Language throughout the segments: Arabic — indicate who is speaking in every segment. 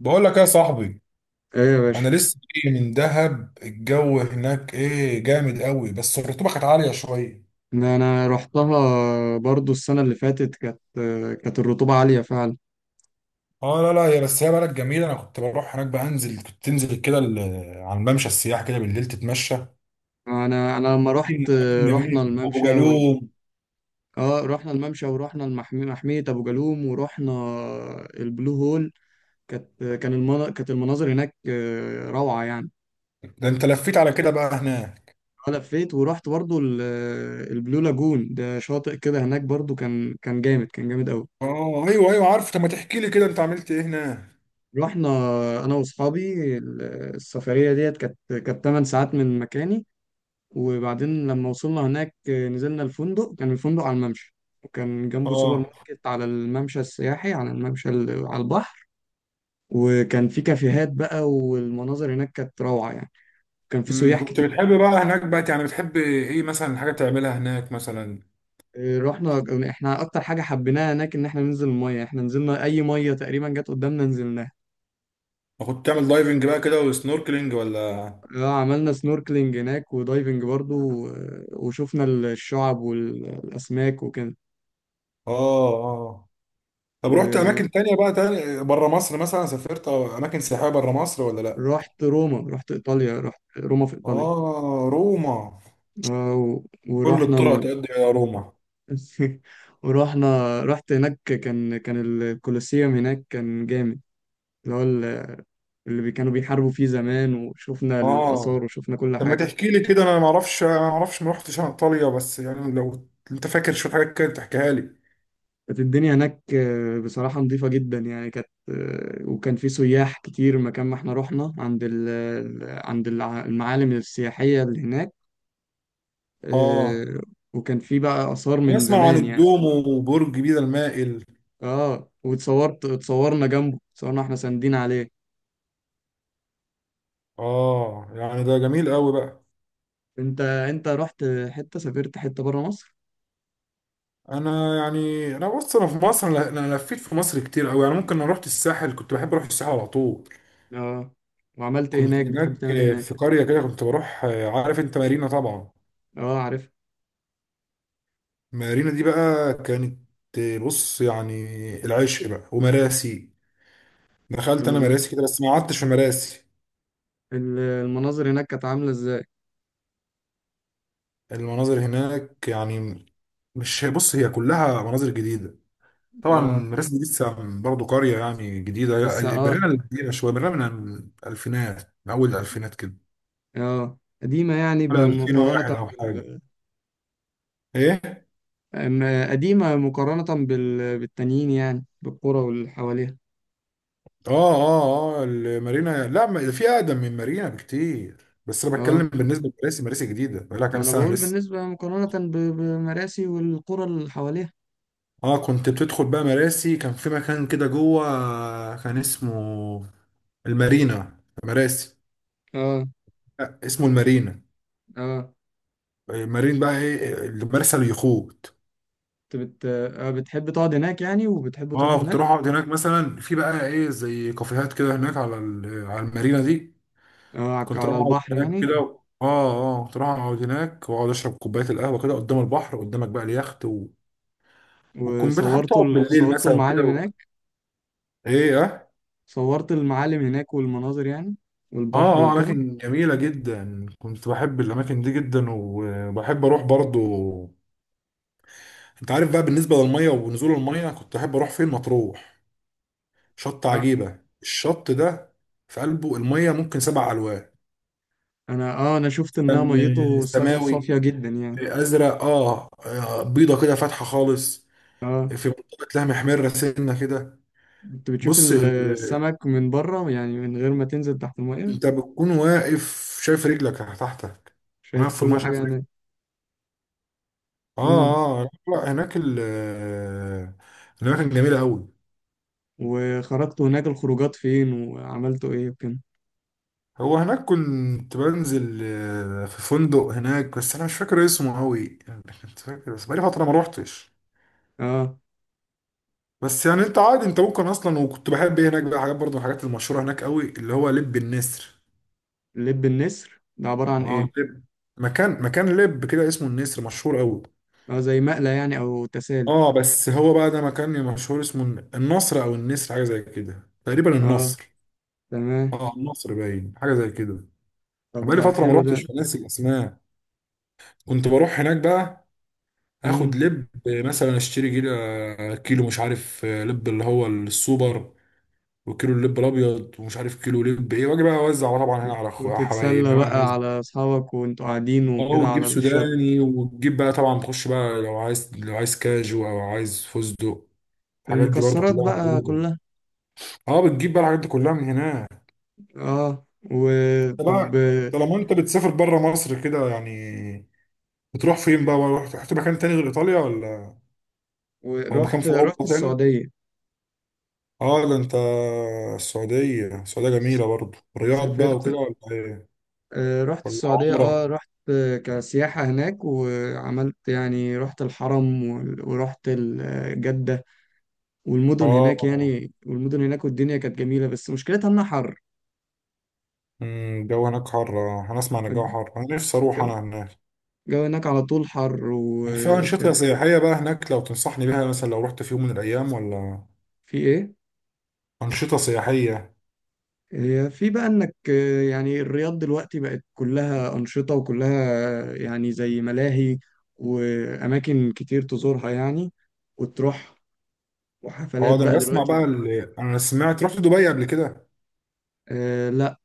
Speaker 1: بقول لك يا صاحبي،
Speaker 2: ايه يا باشا.
Speaker 1: انا لسه جاي من دهب. الجو هناك ايه، جامد قوي، بس الرطوبه كانت عاليه شويه.
Speaker 2: ده انا رحتها برضو السنه اللي فاتت. كانت الرطوبه عاليه فعلا.
Speaker 1: اه لا لا يا بس هي بلد جميله. انا كنت بروح هناك، بنزل، كنت تنزل كده على الممشى السياحي كده بالليل، تتمشى.
Speaker 2: انا لما
Speaker 1: اماكن
Speaker 2: رحت،
Speaker 1: أماكن جميل
Speaker 2: رحنا
Speaker 1: ابو
Speaker 2: الممشى و...
Speaker 1: جالوم.
Speaker 2: اه رحنا الممشى ورحنا المحمية، محمية ابو جالوم، ورحنا البلو هول. كانت المناظر هناك روعه يعني.
Speaker 1: ده انت لفيت على كده بقى هناك.
Speaker 2: انا لفيت ورحت برضو البلو لاجون، ده شاطئ كده هناك برضو، كان جامد، كان جامد قوي.
Speaker 1: اه ايوه ايوه، عارف. طب ما تحكي لي كده، انت عملت ايه هناك؟
Speaker 2: رحنا انا واصحابي، السفريه ديت كانت، 8 ساعات من مكاني. وبعدين لما وصلنا هناك نزلنا الفندق، كان الفندق على الممشى، وكان جنبه سوبر
Speaker 1: اه.
Speaker 2: ماركت على الممشى السياحي، على الممشى على البحر. وكان في كافيهات بقى، والمناظر هناك كانت روعة يعني. كان في سياح
Speaker 1: كنت
Speaker 2: كتير.
Speaker 1: بتحب بقى هناك بقى، يعني بتحب ايه مثلا حاجه تعملها هناك مثلا؟
Speaker 2: رحنا، احنا اكتر حاجة حبيناها هناك ان احنا ننزل المية، احنا نزلنا اي مية تقريبا جت قدامنا نزلناها.
Speaker 1: كنت تعمل دايفنج بقى كده، وسنوركلينج ولا؟
Speaker 2: عملنا سنوركلينج هناك ودايفنج برضو، وشفنا الشعب والاسماك وكده.
Speaker 1: اه اه. طب رحت
Speaker 2: ورحت
Speaker 1: اماكن تانية بقى، تانية بره مصر مثلا، سافرت أو اماكن سياحية بره مصر ولا لا؟
Speaker 2: روما، رحت ايطاليا، رحت روما في ايطاليا.
Speaker 1: اه روما.
Speaker 2: آه، و-
Speaker 1: كل
Speaker 2: ورحنا
Speaker 1: الطرق
Speaker 2: ال...
Speaker 1: تؤدي الى روما.
Speaker 2: ورحنا رحت هناك، كان الكولوسيوم هناك، كان جامد، اللي هو كانوا بيحاربوا فيه زمان، وشفنا
Speaker 1: اه،
Speaker 2: الآثار وشفنا كل
Speaker 1: طب ما
Speaker 2: حاجة.
Speaker 1: تحكي لي كده، انا ما اعرفش ما رحتش انا ايطاليا، بس يعني لو انت فاكر شوية حاجات كده تحكيها لي.
Speaker 2: كانت الدنيا هناك بصراحة نظيفة جدا يعني، كانت وكان في سياح كتير، مكان ما احنا رحنا عند المعالم السياحية اللي هناك.
Speaker 1: اه.
Speaker 2: آه، وكان في بقى آثار
Speaker 1: أنا
Speaker 2: من
Speaker 1: اسمع عن
Speaker 2: زمان يعني.
Speaker 1: الدومو وبرج بيزا المائل.
Speaker 2: اه، اتصورنا جنبه، اتصورنا احنا ساندين عليه.
Speaker 1: اه يعني ده جميل قوي بقى.
Speaker 2: انت رحت حتة، سافرت حتة بره مصر.
Speaker 1: انا يعني انا بص انا في مصر انا أنا لفيت في مصر كتير قوي، يعني ممكن. انا رحت الساحل، كنت بحب اروح الساحل على طول.
Speaker 2: اه، وعملت ايه
Speaker 1: كنت
Speaker 2: هناك؟ بتحب
Speaker 1: هناك
Speaker 2: تعمل ايه هناك؟
Speaker 1: في قرية كده، كنت بروح. عارف انت مارينا طبعا.
Speaker 2: اه، عارف.
Speaker 1: مارينا دي بقى كانت، بص يعني، العشق بقى ومراسي. دخلت انا
Speaker 2: ال...
Speaker 1: مراسي كده بس ما قعدتش في مراسي.
Speaker 2: المناظر هناك كانت عاملة ازاي؟
Speaker 1: المناظر هناك يعني، مش، بص، هي كلها مناظر جديدة. طبعا
Speaker 2: اه،
Speaker 1: مراسي دي لسه برضه قرية يعني جديدة.
Speaker 2: لسه اه.
Speaker 1: برينا القديمة شوية، برينا من الألفينات، من أول الألفينات كده،
Speaker 2: اه قديمة يعني
Speaker 1: ولا
Speaker 2: بمقارنة
Speaker 1: 2001 أو حاجة.
Speaker 2: بال...
Speaker 1: ايه.
Speaker 2: قديمة مقارنة بالتانيين، يعني بالقرى واللي حواليها.
Speaker 1: اه اه اه المارينا، لا، في اقدم من مارينا بكتير. بس انا
Speaker 2: اه،
Speaker 1: بتكلم بالنسبه لمراسي. مراسي جديده، بقالها
Speaker 2: ما
Speaker 1: كام
Speaker 2: انا
Speaker 1: سنه
Speaker 2: بقول
Speaker 1: لسه.
Speaker 2: بالنسبة، مقارنة بمراسي والقرى اللي حواليها.
Speaker 1: اه كنت بتدخل بقى مراسي، كان في مكان كده جوه كان اسمه المارينا مراسي.
Speaker 2: اه
Speaker 1: لا اسمه المارينا.
Speaker 2: اه،
Speaker 1: المارين بقى ايه، المرسى، اليخوت.
Speaker 2: انت بت... آه بتحب تقعد هناك يعني؟ وبتحب تروح
Speaker 1: اه كنت
Speaker 2: هناك؟
Speaker 1: اروح اقعد هناك مثلا، في بقى ايه زي كافيهات كده هناك على على المارينا دي.
Speaker 2: اه،
Speaker 1: كنت
Speaker 2: على
Speaker 1: اروح اقعد
Speaker 2: البحر
Speaker 1: هناك
Speaker 2: يعني.
Speaker 1: كده. اه اه كنت اروح اقعد هناك، واقعد اشرب كوبايه القهوه كده، قدام البحر قدامك بقى اليخت والكمبيوتر، حابب
Speaker 2: وصورت
Speaker 1: تقعد بالليل مثلا كده و... ايه اه
Speaker 2: صورت المعالم هناك والمناظر يعني
Speaker 1: اه
Speaker 2: والبحر
Speaker 1: اه.
Speaker 2: وكده.
Speaker 1: اماكن جميله جدا، كنت بحب الاماكن دي جدا، وبحب اروح برضو. انت عارف بقى، بالنسبه للميه ونزول الميه، كنت احب اروح فين؟ مطروح. شط
Speaker 2: آه،
Speaker 1: عجيبه، الشط ده، في قلبه الميه ممكن 7 ألوان.
Speaker 2: انا شفت انها
Speaker 1: كان
Speaker 2: ميته
Speaker 1: سماوي،
Speaker 2: صافية جدا يعني.
Speaker 1: ازرق، اه، بيضه كده فاتحه خالص، في منطقه لها محمره سنه كده.
Speaker 2: كنت بتشوف
Speaker 1: بص ال...
Speaker 2: السمك من بره، يعني من غير ما تنزل تحت المية؟
Speaker 1: انت بتكون واقف شايف رجلك تحتك،
Speaker 2: شايف
Speaker 1: واقف في الميه
Speaker 2: كل حاجة
Speaker 1: شايف.
Speaker 2: هناك. امم
Speaker 1: اه اه. لا لا، هناك ال آه، هناك كان جميلة أوي.
Speaker 2: وخرجت هناك الخروجات فين وعملتوا ايه وكده؟
Speaker 1: هو هناك كنت بنزل في فندق هناك، بس أنا مش فاكر اسمه أوي يعني. كنت فاكر بس بقالي فترة ما روحتش.
Speaker 2: اه،
Speaker 1: بس يعني أنت عادي، أنت ممكن أصلا. وكنت بحب إيه هناك بقى، حاجات برضه من الحاجات المشهورة هناك أوي، اللي هو لب النسر.
Speaker 2: لب النسر ده عبارة عن
Speaker 1: اه
Speaker 2: ايه؟
Speaker 1: لب. مكان لب كده اسمه النسر، مشهور أوي.
Speaker 2: اه، زي مقلى يعني او تسالي؟
Speaker 1: اه بس هو بقى ده مكان مشهور اسمه النصر أو النسر، حاجة زي كده تقريبا،
Speaker 2: اه،
Speaker 1: النصر.
Speaker 2: تمام.
Speaker 1: اه النصر، باين حاجة زي كده.
Speaker 2: طب
Speaker 1: بقالي
Speaker 2: ده
Speaker 1: فترة ما
Speaker 2: حلو
Speaker 1: روحتش،
Speaker 2: ده.
Speaker 1: فناسي الأسماك كنت بروح هناك بقى، آخد
Speaker 2: مم.
Speaker 1: لب مثلا، أشتري كيلو، كيلو مش عارف لب اللي هو السوبر، وكيلو اللب الأبيض، ومش عارف كيلو لب إيه، وأجي بقى أوزع طبعا هنا على أخويا، حبايب،
Speaker 2: وتتسلى
Speaker 1: إنما
Speaker 2: بقى
Speaker 1: الناس.
Speaker 2: على أصحابك وأنتوا قاعدين
Speaker 1: أه
Speaker 2: وكده
Speaker 1: وتجيب
Speaker 2: على الشط.
Speaker 1: سوداني، وتجيب بقى طبعا، تخش بقى لو عايز، لو عايز كاجو أو عايز فستق، الحاجات دي برضو
Speaker 2: المكسرات
Speaker 1: كلها
Speaker 2: بقى
Speaker 1: موجودة.
Speaker 2: كلها.
Speaker 1: أه بتجيب بقى الحاجات دي كلها من هناك.
Speaker 2: اه،
Speaker 1: أنت
Speaker 2: وطب.
Speaker 1: بقى، طالما أنت بتسافر بره مصر كده يعني، بتروح فين بقى بقى؟ رحت، رحت مكان تاني غير إيطاليا ولا؟ هو مكان في
Speaker 2: رحت
Speaker 1: اوروبا تاني.
Speaker 2: السعودية.
Speaker 1: اه ده انت. السعوديه، السعوديه جميله برضه. الرياض بقى
Speaker 2: سافرت
Speaker 1: وكده، ولا ايه؟
Speaker 2: رحت
Speaker 1: ولا
Speaker 2: السعودية، اه
Speaker 1: عمره؟
Speaker 2: رحت آه، كسياحة هناك، وعملت يعني، رحت الحرم ورحت جدة،
Speaker 1: اه.
Speaker 2: والمدن هناك، والدنيا كانت جميلة، بس مشكلتها إنها حر.
Speaker 1: الجو هناك حر انا اسمع ان الجو
Speaker 2: الجو
Speaker 1: حر، انا نفسي اروح
Speaker 2: الجو
Speaker 1: انا هناك.
Speaker 2: هناك على طول حر،
Speaker 1: يعني في انشطه
Speaker 2: وكان.
Speaker 1: سياحيه بقى هناك لو تنصحني بيها مثلا، لو رحت في يوم من الايام، ولا؟
Speaker 2: في إيه؟
Speaker 1: انشطه سياحيه.
Speaker 2: هي في بقى انك يعني الرياض دلوقتي بقت كلها أنشطة، وكلها يعني زي ملاهي، وأماكن كتير تزورها يعني، وتروح، وحفلات
Speaker 1: اه ده
Speaker 2: بقى.
Speaker 1: انا بسمع
Speaker 2: دلوقتي
Speaker 1: بقى،
Speaker 2: بقى
Speaker 1: اللي انا سمعت، رحت دبي قبل كده.
Speaker 2: أه لا،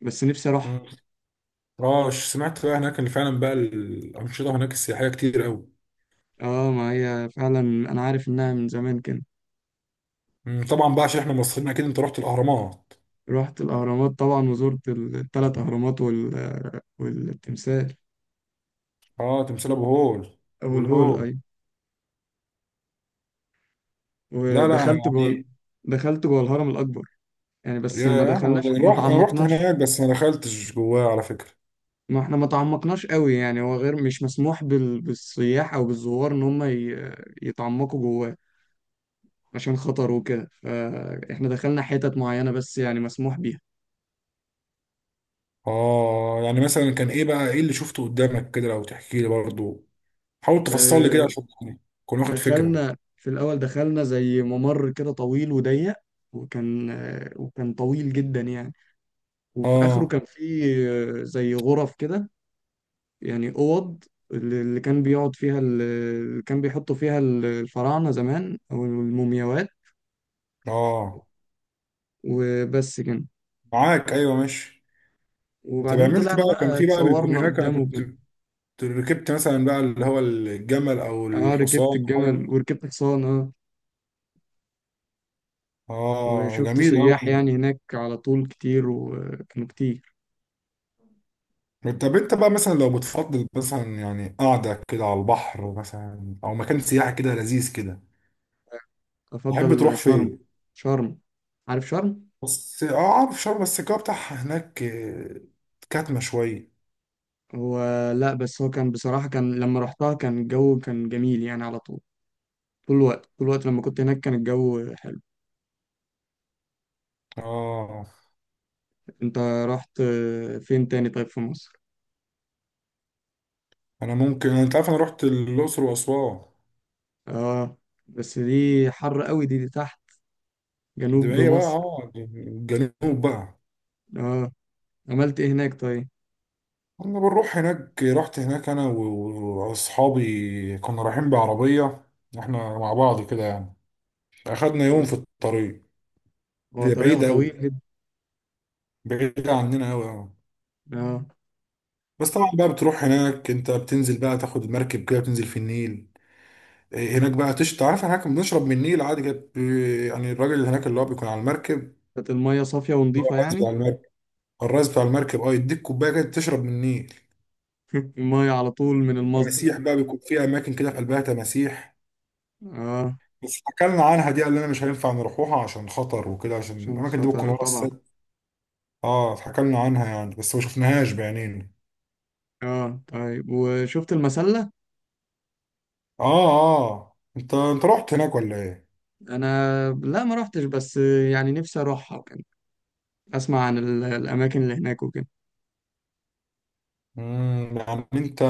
Speaker 2: بس نفسي أروح.
Speaker 1: أمم. اه سمعت بقى هناك ان فعلا بقى الانشطه هناك السياحيه كتير قوي.
Speaker 2: اه، ما هي فعلا أنا عارف إنها من زمان كده.
Speaker 1: طبعا بقى عشان احنا مصريين، اكيد انت رحت الاهرامات.
Speaker 2: رحت الأهرامات طبعا، وزرت الثلاث أهرامات والتمثال،
Speaker 1: اه، تمثال ابو هول.
Speaker 2: أو الهول
Speaker 1: والهول.
Speaker 2: أي،
Speaker 1: لا لا انا
Speaker 2: ودخلت جوه
Speaker 1: يعني،
Speaker 2: دخلت جوه الهرم الأكبر يعني، بس ما
Speaker 1: يا انا،
Speaker 2: دخلناش، ما
Speaker 1: رحت، انا رحت
Speaker 2: تعمقناش.
Speaker 1: هناك بس ما دخلتش جواه على فكره.
Speaker 2: ما احنا ما تعمقناش قوي يعني، هو غير مش مسموح بالسياح او بالزوار ان هم يتعمقوا جواه، عشان خطر وكده، فاحنا دخلنا حتت معينة بس يعني مسموح بيها.
Speaker 1: اه يعني مثلا كان ايه بقى، ايه اللي شفته قدامك كده، لو تحكي لي برضه، حاول تفصل لي كده
Speaker 2: اه،
Speaker 1: عشان كنت واخد فكره.
Speaker 2: دخلنا في الاول، دخلنا زي ممر كده طويل وضيق، وكان طويل جدا يعني، وفي اخره
Speaker 1: اه
Speaker 2: كان فيه اه، زي غرف كده، يعني اوض، اللي كان بيقعد فيها، اللي كان بيحطوا فيها الفراعنة زمان، او المومياوات.
Speaker 1: اه،
Speaker 2: وبس كده.
Speaker 1: معاك، ايوه ماشي. طب
Speaker 2: وبعدين
Speaker 1: عملت
Speaker 2: طلعنا
Speaker 1: بقى، كان
Speaker 2: بقى،
Speaker 1: في بقى، بيكون
Speaker 2: اتصورنا
Speaker 1: هناك، انا
Speaker 2: قدامه،
Speaker 1: كنت
Speaker 2: كان
Speaker 1: ركبت مثلا بقى اللي هو الجمل او
Speaker 2: اه، ركبت
Speaker 1: الحصان حاجه.
Speaker 2: الجمل وركبت حصان، اه،
Speaker 1: اه
Speaker 2: وشفت
Speaker 1: جميل
Speaker 2: سياح
Speaker 1: قوي.
Speaker 2: يعني هناك على طول كتير، وكانوا كتير.
Speaker 1: طب انت بقى مثلا لو بتفضل مثلا يعني قاعدة كده على البحر مثلا، او مكان سياحي كده لذيذ كده،
Speaker 2: افضل
Speaker 1: تحب تروح
Speaker 2: شرم.
Speaker 1: فين؟
Speaker 2: شرم. عارف شرم.
Speaker 1: بس اه عارف شرم، بس الجو بتاعها هناك كاتمة شوية.
Speaker 2: هو لا، بس هو كان بصراحة، كان لما رحتها كان الجو كان جميل يعني على طول. طول الوقت، طول الوقت لما كنت هناك كان الجو حلو.
Speaker 1: اه.
Speaker 2: انت رحت فين تاني طيب في مصر؟
Speaker 1: انا ممكن، انت عارف، انا رحت الاقصر واسوان.
Speaker 2: اه، بس دي حر قوي، دي تحت،
Speaker 1: دي
Speaker 2: جنوب
Speaker 1: هي بقى
Speaker 2: مصر.
Speaker 1: اه الجنوب بقى.
Speaker 2: اه، عملت ايه هناك طيب؟
Speaker 1: كنا بنروح هناك، رحت هناك انا واصحابي، كنا رايحين بعربية احنا مع بعض كده يعني. اخدنا يوم
Speaker 2: اه،
Speaker 1: في الطريق.
Speaker 2: هو
Speaker 1: هي
Speaker 2: طريقها
Speaker 1: بعيدة اوي،
Speaker 2: طويل.
Speaker 1: بعيدة عننا اوي
Speaker 2: اه،
Speaker 1: بس طبعا بقى بتروح هناك، انت بتنزل بقى، تاخد المركب كده، بتنزل في النيل. هناك بقى تش تعرف، هناك بنشرب من النيل عادي كده يعني الراجل اللي هناك، اللي هو بيكون على المركب، اللي
Speaker 2: كانت المية صافية
Speaker 1: هو
Speaker 2: ونضيفة
Speaker 1: الراجل بتاع
Speaker 2: يعني.
Speaker 1: المركب. الراجل بتاع المركب اه يديك كوبايه كده تشرب من النيل.
Speaker 2: المية على طول من المصدر.
Speaker 1: تماسيح بقى بيكون في اماكن كده، في قلبها تماسيح.
Speaker 2: اه،
Speaker 1: بس اتحكلنا عنها دي، قال لنا مش هينفع نروحوها عشان خطر وكده، عشان
Speaker 2: عشان
Speaker 1: الاماكن دي بتكون
Speaker 2: خطر
Speaker 1: ورا
Speaker 2: طبعا.
Speaker 1: السد. اه اتحكلنا عنها يعني بس ما شفناهاش بعينينا.
Speaker 2: اه، طيب وشفت المسلة؟
Speaker 1: اه اه، انت رحت هناك ولا ايه؟
Speaker 2: انا لا، ما روحتش، بس يعني نفسي اروحها. وكان اسمع عن الاماكن اللي هناك وكده.
Speaker 1: يعني انت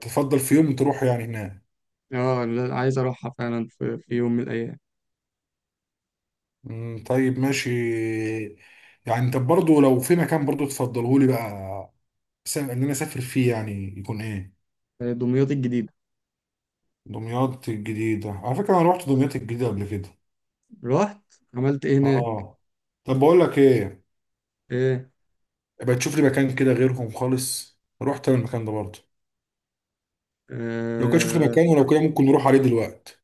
Speaker 1: تفضل في يوم تروح يعني هناك.
Speaker 2: اه لا، عايز اروحها فعلا، في يوم من الايام.
Speaker 1: طيب ماشي. يعني انت برضو لو في مكان برضو تفضله لي بقى، ان انا اسافر فيه، يعني يكون ايه؟
Speaker 2: دمياط الجديدة.
Speaker 1: دمياط الجديدة، على فكرة انا رحت دمياط الجديدة قبل كده.
Speaker 2: رحت؟ عملت ايه هناك؟
Speaker 1: اه. طب بقول لك ايه،
Speaker 2: ايه؟
Speaker 1: يبقى تشوف لي مكان كده غيرهم خالص، رحت انا المكان ده برضو. لو كده شوف لي
Speaker 2: آه.
Speaker 1: مكان، ولو كده ممكن نروح عليه دلوقتي.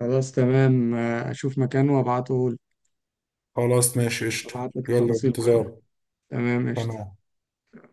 Speaker 2: خلاص تمام، اشوف مكان وابعته.
Speaker 1: خلاص ماشي قشطة.
Speaker 2: ابعت لك
Speaker 1: يلا
Speaker 2: التفاصيل كلها.
Speaker 1: انتظار.
Speaker 2: تمام. قشطة.
Speaker 1: تمام.